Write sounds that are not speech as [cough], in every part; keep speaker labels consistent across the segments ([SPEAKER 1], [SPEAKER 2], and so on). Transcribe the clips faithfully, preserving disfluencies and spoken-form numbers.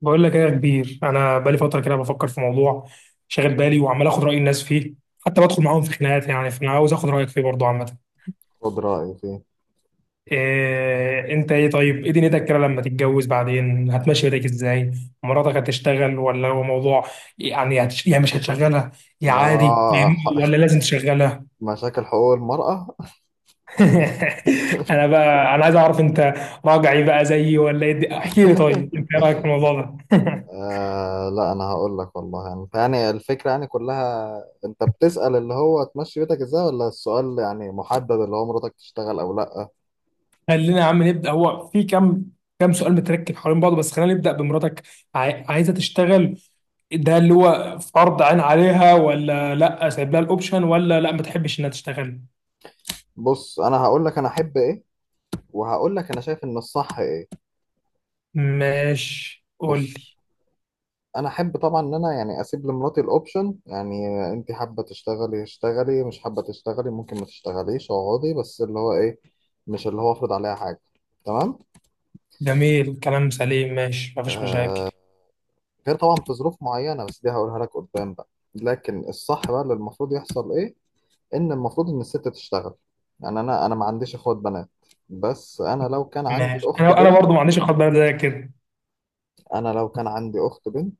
[SPEAKER 1] بقول لك ايه يا كبير؟ انا بقالي فتره كده بفكر في موضوع شاغل بالي، وعمال اخد راي الناس فيه، حتى بدخل معاهم في خناقات يعني. فانا عاوز اخد رايك فيه برضه عامه.
[SPEAKER 2] خد رأيي فيه.
[SPEAKER 1] إيه انت؟ ايه طيب، ايه دنيتك كده لما تتجوز؟ بعدين هتمشي بيتك ازاي؟ مراتك هتشتغل، ولا هو موضوع يعني هتش... يعني مش هتشغلها، يا عادي؟
[SPEAKER 2] آه
[SPEAKER 1] فاهمني؟
[SPEAKER 2] ح-
[SPEAKER 1] ولا لازم تشغلها؟
[SPEAKER 2] [laughs] مشاكل حقوق المرأة.
[SPEAKER 1] [laughs] انا بقى انا عايز اعرف انت راجعي بقى زيي ولا ايه. احكي لي، طيب انت ايه رايك في الموضوع ده؟ [laughs]
[SPEAKER 2] آه لا، أنا هقول لك والله، يعني يعني الفكرة يعني كلها. أنت بتسأل اللي هو تمشي بيتك إزاي، ولا السؤال يعني محدد اللي هو مراتك تشتغل أو لأ؟
[SPEAKER 1] خلينا يا عم نبدا. هو في كام كام سؤال متركب حوالين بعضه، بس خلينا نبدا بمراتك. عاي- عايزه تشتغل، ده اللي هو فرض عين عليها، ولا لا سايب لها الاوبشن، ولا لا ما تحبش انها تشتغل؟
[SPEAKER 2] بص، أنا هقول لك أنا أحب إيه، وهقول لك أنا شايف إن الصح إيه.
[SPEAKER 1] ماشي قول
[SPEAKER 2] بص،
[SPEAKER 1] لي.
[SPEAKER 2] أنا أحب طبعا إن أنا يعني أسيب لمراتي الأوبشن، يعني أنت حابة تشتغلي اشتغلي، مش حابة تشتغلي ممكن ما تشتغليش اقعدي، بس اللي هو إيه، مش اللي هو أفرض عليها حاجة. تمام؟
[SPEAKER 1] جميل، كلام سليم، ماشي، ما فيش مشاكل.
[SPEAKER 2] غير طبعا في ظروف معينة، بس دي هقولها لك قدام بقى. لكن الصح بقى اللي المفروض يحصل ايه؟ ان المفروض ان الست تشتغل. يعني انا انا ما عنديش اخوات بنات، بس انا لو كان عندي
[SPEAKER 1] ماشي،
[SPEAKER 2] اخت
[SPEAKER 1] انا انا
[SPEAKER 2] بنت،
[SPEAKER 1] برضه ما عنديش اخد بالي زي كده.
[SPEAKER 2] انا لو كان عندي اخت بنت،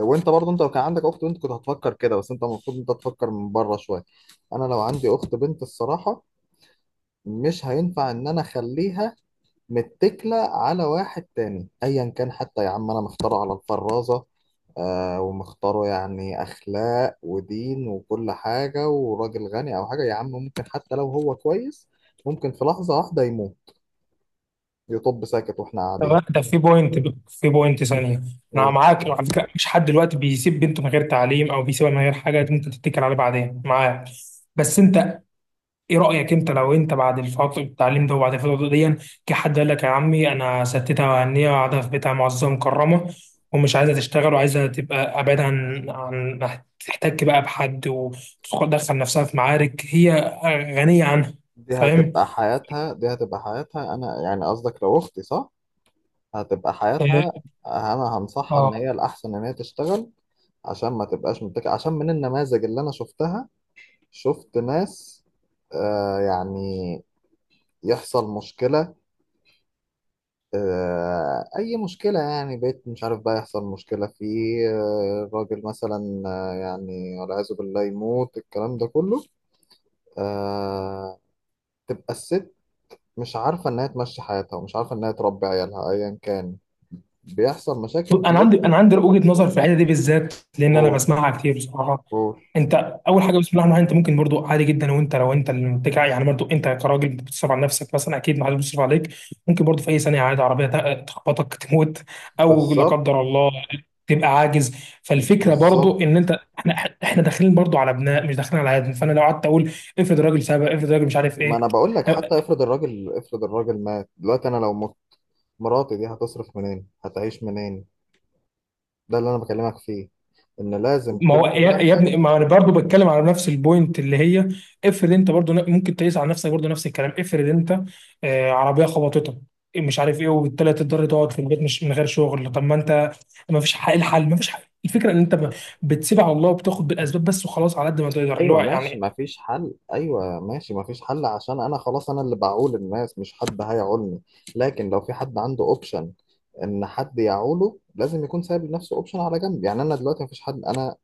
[SPEAKER 2] وانت برضه انت لو كان عندك اخت بنت كنت هتفكر كده، بس انت المفروض انت تفكر من بره شوية. انا لو عندي اخت بنت الصراحة، مش هينفع ان انا اخليها متكلة على واحد تاني أيا كان. حتى يا عم، أنا مختاره على الفرازة، آه، ومختاره يعني أخلاق ودين وكل حاجة وراجل غني أو حاجة. يا عم، ممكن حتى لو هو كويس، ممكن في لحظة واحدة يموت، يطب ساكت وإحنا قاعدين.
[SPEAKER 1] طب ده في بوينت، في بوينت ثانيه. انا
[SPEAKER 2] قول.
[SPEAKER 1] معاك على فكره، مفيش حد دلوقتي بيسيب بنته من غير تعليم، او بيسيبها من غير حاجه انت تتكل عليه بعدين. معاك، بس انت ايه رأيك انت لو انت بعد الفترة التعليم ده وبعد الفترة دي، كحد قال لك يا عمي انا ستتها وهنية وقاعدة في بيتها معززة مكرمة، ومش عايزة تشتغل، وعايزة تبقى أبعد عن عن تحتك بقى بحد، وتدخل نفسها في معارك هي غنية عنها.
[SPEAKER 2] دي
[SPEAKER 1] فاهم؟
[SPEAKER 2] هتبقى حياتها، دي هتبقى حياتها. أنا يعني قصدك لو أختي صح؟ هتبقى حياتها. أنا هنصحها إن
[SPEAKER 1] اه،
[SPEAKER 2] هي الأحسن إن هي تشتغل، عشان ما تبقاش متكلة، عشان من النماذج اللي أنا شفتها، شفت ناس، آه يعني، يحصل مشكلة، آه أي مشكلة، يعني بيت مش عارف بقى يحصل مشكلة فيه، آه راجل مثلا، آه يعني والعياذ بالله يموت، الكلام ده كله، آه، تبقى الست مش عارفة إنها تمشي حياتها، ومش عارفة إنها تربي عيالها أيا كان. بيحصل مشاكل،
[SPEAKER 1] انا عندي
[SPEAKER 2] بيبقى.
[SPEAKER 1] انا عندي وجهه نظر في الحته دي بالذات، لان انا
[SPEAKER 2] قول.
[SPEAKER 1] بسمعها كتير بصراحه.
[SPEAKER 2] قول.
[SPEAKER 1] انت اول حاجه بسم الله الرحمن الرحيم، انت ممكن برضو عادي جدا، وانت لو انت اللي بتجع يعني، برضو انت كراجل بتصرف على نفسك مثلا، اكيد ما حدش بيصرف عليك. ممكن برضو في اي ثانيه عادي عربيه تق- تخبطك تموت، او لا
[SPEAKER 2] بالظبط،
[SPEAKER 1] قدر الله تبقى عاجز. فالفكره
[SPEAKER 2] بالظبط.
[SPEAKER 1] برضو ان انت، احنا احنا داخلين برضو على ابناء مش داخلين على عادم. فانا لو قعدت اقول افرض راجل سبق، افرض راجل مش عارف
[SPEAKER 2] ما أنا
[SPEAKER 1] ايه.
[SPEAKER 2] بقول لك، حتى افرض الراجل، افرض الراجل مات دلوقتي، أنا لو مت مراتي دي هتصرف منين؟ هتعيش منين؟ ده اللي انا بكلمك فيه، ان لازم
[SPEAKER 1] ما هو
[SPEAKER 2] كل
[SPEAKER 1] يا يا
[SPEAKER 2] واحد.
[SPEAKER 1] ابني، ما انا برضه بتكلم على نفس البوينت اللي هي، افرض انت برضه ن- ممكن تقيس على نفسك برضه نفس الكلام. افرض انت آه، عربيه خبطتك مش عارف ايه، وبالتالي تضطر تقعد في البيت مش من غير شغل. طب ما انت ما فيش حل، الحل ما فيش حل، الفكره ان انت ب- بتسيب على الله وبتاخد بالاسباب بس وخلاص على قد ما تقدر اللي
[SPEAKER 2] ايوه
[SPEAKER 1] هو
[SPEAKER 2] ماشي،
[SPEAKER 1] يعني.
[SPEAKER 2] ما فيش حل. ايوه ماشي، ما فيش حل، عشان انا خلاص انا اللي بعول الناس، مش حد هيعولني. لكن لو في حد عنده اوبشن ان حد يعوله، لازم يكون سايب لنفسه اوبشن على جنب. يعني انا دلوقتي ما فيش حد، انا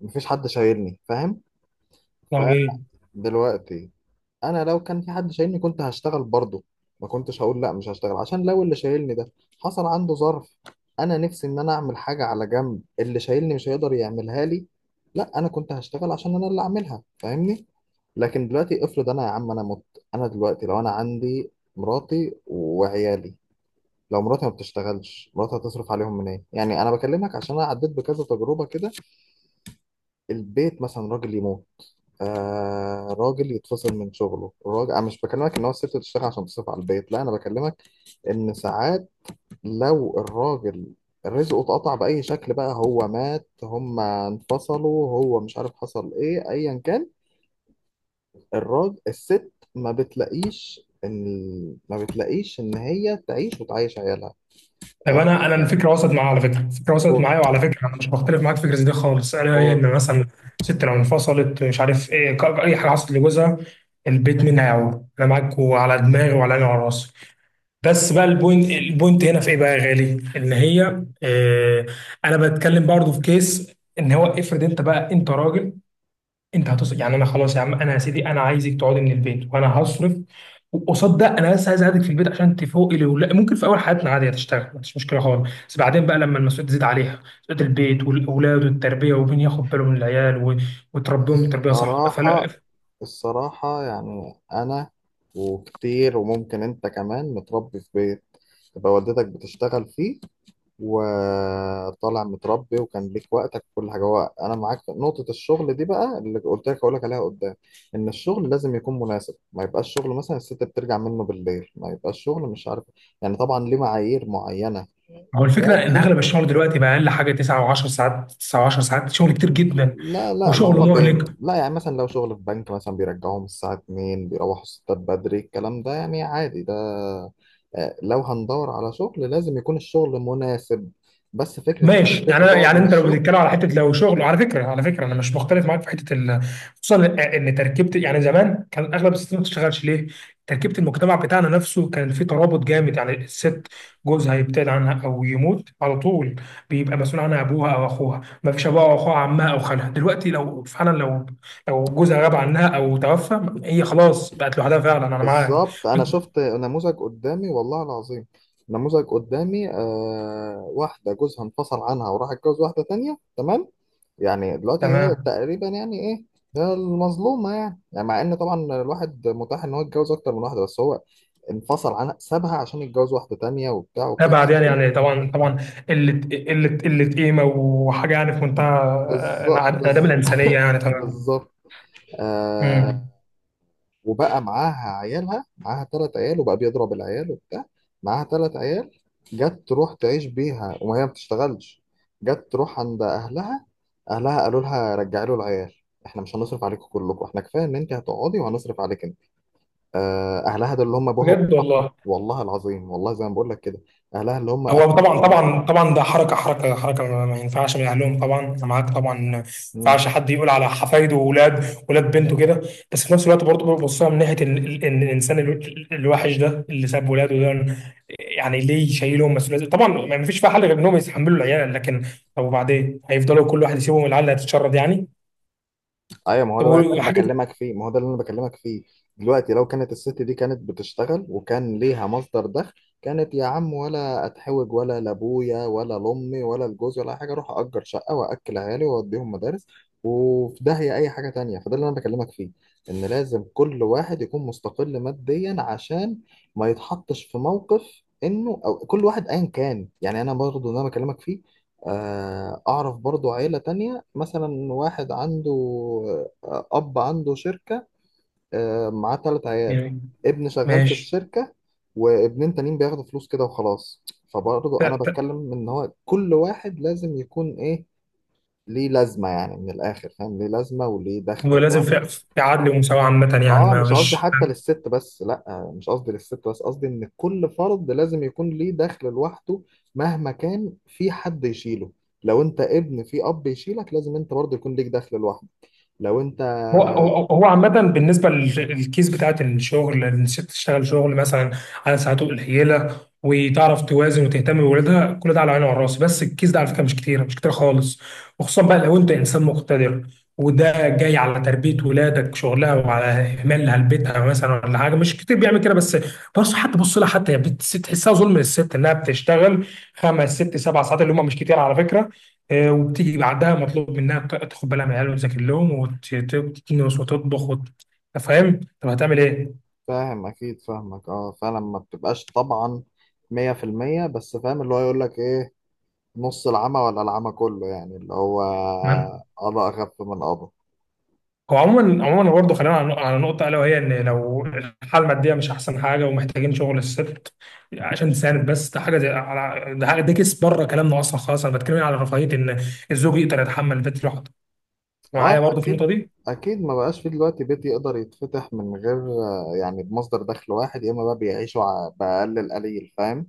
[SPEAKER 2] ما فيش حد شايلني، فاهم؟
[SPEAKER 1] يعني إيه؟
[SPEAKER 2] فدلوقتي انا لو كان في حد شايلني، كنت هشتغل برضه، ما كنتش هقول لا مش هشتغل، عشان لو اللي شايلني ده حصل عنده ظرف، انا نفسي ان انا اعمل حاجه على جنب، اللي شايلني مش هيقدر يعملها لي، لا انا كنت هشتغل عشان انا اللي اعملها، فاهمني؟ لكن دلوقتي افرض انا يا عم انا مت، انا دلوقتي لو انا عندي مراتي وعيالي، لو مراتي ما بتشتغلش مراتي هتصرف عليهم منين؟ يعني انا بكلمك عشان انا عديت بكذا تجربه كده. البيت مثلا راجل يموت، آه راجل يتفصل من شغله، راجل. انا مش بكلمك ان هو الست تشتغل عشان تصرف على البيت، لا انا بكلمك ان ساعات لو الراجل رزقه اتقطع باي شكل بقى، هو مات، هم انفصلوا، هو مش عارف حصل ايه، ايا كان، الراجل الست ما بتلاقيش ان، ما بتلاقيش ان هي تعيش وتعيش عيالها.
[SPEAKER 1] طب
[SPEAKER 2] آه.
[SPEAKER 1] انا انا الفكره وصلت معايا على فكره، الفكره وصلت
[SPEAKER 2] قول.
[SPEAKER 1] معايا، وعلى فكره انا مش بختلف معاك في الفكره دي خالص، انا هي
[SPEAKER 2] قول.
[SPEAKER 1] ان مثلا ست لو انفصلت مش عارف ايه، ك- اي حاجه حصلت لجوزها، البيت مين هيعوض؟ انا معاك، وعلى دماغي وعلى عيني وعلى راسي. بس بقى البوينت، البوينت هنا في ايه بقى يا غالي، ان هي آه، انا بتكلم برضه في كيس ان هو افرض انت بقى انت راجل، انت هتصرف يعني. انا خلاص يا عم، انا يا سيدي انا عايزك تقعدي من البيت وانا هصرف. وقصاد ده انا بس عايز اقعدك في البيت عشان تفوقي لي، ولا ممكن في اول حياتنا عادي هتشتغل ما فيش مشكله خالص، بس بعدين بقى لما المسؤوليه تزيد عليها، مسؤوليه البيت والاولاد والتربيه، ومين ياخد باله من العيال و- وتربيهم تربيه صح، فلا.
[SPEAKER 2] صراحة، الصراحة يعني انا، وكتير وممكن انت كمان متربي في بيت تبقى والدتك بتشتغل فيه، وطالع متربي وكان ليك وقتك وكل حاجه. هو انا معاك في نقطه الشغل دي، بقى اللي قلت لك هقول لك عليها قدام، ان الشغل لازم يكون مناسب، ما يبقاش شغل مثلا الست بترجع منه بالليل، ما يبقاش شغل مش عارف، يعني طبعا ليه معايير معينه.
[SPEAKER 1] هو الفكره ان
[SPEAKER 2] لكن
[SPEAKER 1] اغلب الشغل دلوقتي بقى اقل حاجه تسعة و10 ساعات، تسعة و10 ساعات شغل كتير جدا،
[SPEAKER 2] لا لا، ما
[SPEAKER 1] وشغل
[SPEAKER 2] هما بي...
[SPEAKER 1] مهلك.
[SPEAKER 2] لا، يعني مثلا لو شغل في بنك مثلا بيرجعوهم الساعة الثانية، بيروحوا الستات بدري، الكلام ده يعني عادي ده. آه، لو هندور على شغل لازم يكون الشغل مناسب، بس فكرة إن
[SPEAKER 1] ماشي
[SPEAKER 2] الست
[SPEAKER 1] يعني انا،
[SPEAKER 2] تقعد
[SPEAKER 1] يعني
[SPEAKER 2] من
[SPEAKER 1] انت لو
[SPEAKER 2] الشغل.
[SPEAKER 1] بتتكلم على حته، لو شغل على فكره، على فكره انا مش مختلف معاك في حته ال... خصوصا ان إن تركيبه يعني زمان كان اغلب الستات ما بتشتغلش. ليه؟ تركيبه المجتمع بتاعنا نفسه كان فيه ترابط جامد، يعني الست جوزها يبتعد عنها او يموت على طول، بيبقى مسؤول عنها ابوها او اخوها، ما فيش ابوها او اخوها، عمها او خالها. دلوقتي لو فعلا، لو لو جوزها غاب عنها او توفى، هي خلاص بقت لوحدها فعلا. انا معاك،
[SPEAKER 2] بالظبط، أنا شفت نموذج قدامي والله العظيم، نموذج قدامي. آه، واحدة جوزها انفصل عنها وراح اتجوز واحدة تانية. تمام؟ يعني دلوقتي هي
[SPEAKER 1] تمام.
[SPEAKER 2] تقريبا يعني ايه، هي المظلومة يعني، يعني مع ان طبعا الواحد متاح ان هو يتجوز اكتر من واحدة، بس هو انفصل عنها سابها عشان يتجوز واحدة تانية وبتاع
[SPEAKER 1] ابعد
[SPEAKER 2] وقصص
[SPEAKER 1] يعني،
[SPEAKER 2] كده.
[SPEAKER 1] يعني طبعا طبعا. قله، قله قله قيمه وحاجه يعني في منتهى
[SPEAKER 2] بالظبط،
[SPEAKER 1] انعدام
[SPEAKER 2] بالظبط،
[SPEAKER 1] الانسانيه
[SPEAKER 2] [laughs]
[SPEAKER 1] يعني طبعا.
[SPEAKER 2] بالظبط. آه.
[SPEAKER 1] امم.
[SPEAKER 2] وبقى معاها عيالها، معاها ثلاث عيال، وبقى بيضرب العيال وبتاع. معاها ثلاث عيال، جت تروح تعيش بيها، وما هي ما بتشتغلش. جت تروح عند اهلها، اهلها قالوا لها رجعي له العيال، احنا مش هنصرف عليكم كلكم، احنا كفايه ان انت هتقعدي وهنصرف عليك انت. آه، اهلها ده اللي هم ابوها
[SPEAKER 1] بجد
[SPEAKER 2] وأمها.
[SPEAKER 1] والله.
[SPEAKER 2] والله العظيم، والله زي ما بقول لك كده. اهلها اللي هم
[SPEAKER 1] هو طبعا
[SPEAKER 2] أبوها.
[SPEAKER 1] طبعا طبعا ده حركه حركه حركه، ما ما ينفعش من اهلهم طبعا، انا معاك طبعا ما
[SPEAKER 2] مم.
[SPEAKER 1] ينفعش حد يقول على حفايده واولاد ولاد بنته كده. بس في نفس الوقت برضه ببصها من ناحيه ال- ال- ان الانسان ال- الوحش ده اللي ساب ولاده ده يعني ليه شايلهم مسؤوليه، طبعا ما فيش فيها حل غير انهم يتحملوا العيال، لكن طب وبعدين هيفضلوا كل واحد يسيبهم العيال اللي هتتشرد يعني.
[SPEAKER 2] ايوه، ما هو
[SPEAKER 1] طب
[SPEAKER 2] ده بقى اللي انا
[SPEAKER 1] وحاجة
[SPEAKER 2] بكلمك فيه، ما هو ده اللي انا بكلمك فيه. دلوقتي لو كانت الست دي كانت بتشتغل وكان ليها مصدر دخل، كانت يا عم ولا اتحوج ولا لابويا ولا لامي ولا لجوزي ولا أي حاجه، اروح اجر شقه واكل عيالي واوديهم مدارس، وفي داهيه اي حاجه تانية. فده اللي انا بكلمك فيه، ان لازم كل واحد يكون مستقل ماديا، عشان ما يتحطش في موقف، انه او كل واحد ايا كان. يعني انا برضه اللي انا بكلمك فيه، آه، أعرف برضو عيلة تانية، مثلا واحد عنده، آه، أب عنده شركة، آه، معاه تلات عيال،
[SPEAKER 1] يعني
[SPEAKER 2] ابن شغال في
[SPEAKER 1] ماشي
[SPEAKER 2] الشركة، وابنين تانيين بياخدوا فلوس كده وخلاص. فبرضو أنا
[SPEAKER 1] ت- ت-
[SPEAKER 2] بتكلم إن هو كل واحد لازم يكون إيه، ليه لازمة، يعني من الآخر فاهم، ليه لازمة وليه دخل
[SPEAKER 1] ولازم في
[SPEAKER 2] لوحده.
[SPEAKER 1] في عدل ومساواة عامة، يعني
[SPEAKER 2] اه
[SPEAKER 1] ما
[SPEAKER 2] مش قصدي
[SPEAKER 1] فيش.
[SPEAKER 2] حتى للست بس، لا مش قصدي للست بس، قصدي ان كل فرد لازم يكون ليه دخل لوحده، مهما كان في حد يشيله. لو انت ابن في اب يشيلك، لازم انت برضه يكون ليك دخل لوحدك. لو انت،
[SPEAKER 1] هو هو هو عامة بالنسبة لل- للكيس بتاعت الشغل، إن الست تشتغل شغل مثلا على ساعاته قليلة، وتعرف توازن وتهتم بولادها، كل ده على عيني وعلى راسي. بس الكيس ده على فكرة مش كتير، مش كتير خالص. وخصوصا بقى لو أنت إنسان مقتدر، وده جاي على تربية ولادك شغلها وعلى إهمالها لبيتها مثلا ولا حاجة، مش كتير بيعمل كده. بس بص، حتى بص لها، حتى هي بت- تحسها ظلم للست إنها بتشتغل خمس ست سبع ساعات اللي هم مش كتير على فكرة. آه، وبتيجي بعدها مطلوب منها ت- تاخد بالها من العيال، وتذاكر لهم، وتكنس، وتطبخ، وت- أنت فاهم؟ طب هتعمل ايه؟
[SPEAKER 2] فاهم؟ اكيد فاهمك. اه فعلا، ما بتبقاش طبعا مية في المية، بس فاهم اللي هو يقول لك ايه، نص العمى ولا العمى كله، يعني اللي هو
[SPEAKER 1] تمام؟
[SPEAKER 2] قضاء اخف من قضاء.
[SPEAKER 1] هو عموما عموما برضه خلينا على على نقطه الا وهي ان لو الحاله الماديه مش احسن حاجه ومحتاجين شغل الست عشان تساند، بس ده حاجه زي على، ده حاجه ده كيس بره كلامنا اصلا خالص. انا بتكلم على رفاهيه ان الزوج يقدر يتحمل البيت لوحده،
[SPEAKER 2] اه
[SPEAKER 1] معايا برضه في النقطه
[SPEAKER 2] اكيد،
[SPEAKER 1] دي.
[SPEAKER 2] اكيد. ما بقاش في دلوقتي بيت يقدر يتفتح من غير، آه، يعني بمصدر دخل واحد، يا اما بقى بيعيشوا ع- باقل القليل، فاهم؟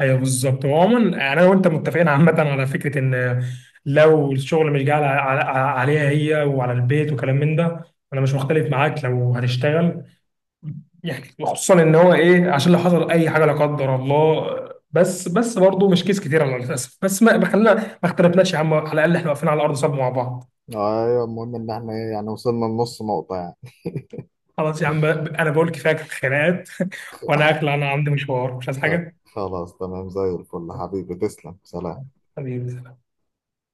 [SPEAKER 1] ايوه بالظبط. وعموما يعني انا وانت متفقين عامه على فكره ان لو الشغل مش جاي على- على- عليها هي وعلى البيت وكلام من ده، انا مش مختلف معاك لو هتشتغل يعني. وخصوصا ان هو ايه، عشان لو حصل اي حاجه لا قدر الله. بس بس برضه مش كيس كتير على الاسف، بس ما ما خلينا ما اختلفناش يا عم، على الاقل احنا واقفين على ارض صلب مع بعض.
[SPEAKER 2] ايوه، المهم ان احنا إيه، يعني وصلنا لنص نقطة يعني.
[SPEAKER 1] خلاص يا عم انا بقول كفايه خناقات [laughs] وانا اخلع، انا عندي مشوار مش عايز
[SPEAKER 2] خ-
[SPEAKER 1] حاجه.
[SPEAKER 2] خلاص، تمام زي الفل حبيبي، تسلم، سلام.
[SPEAKER 1] حبيبي.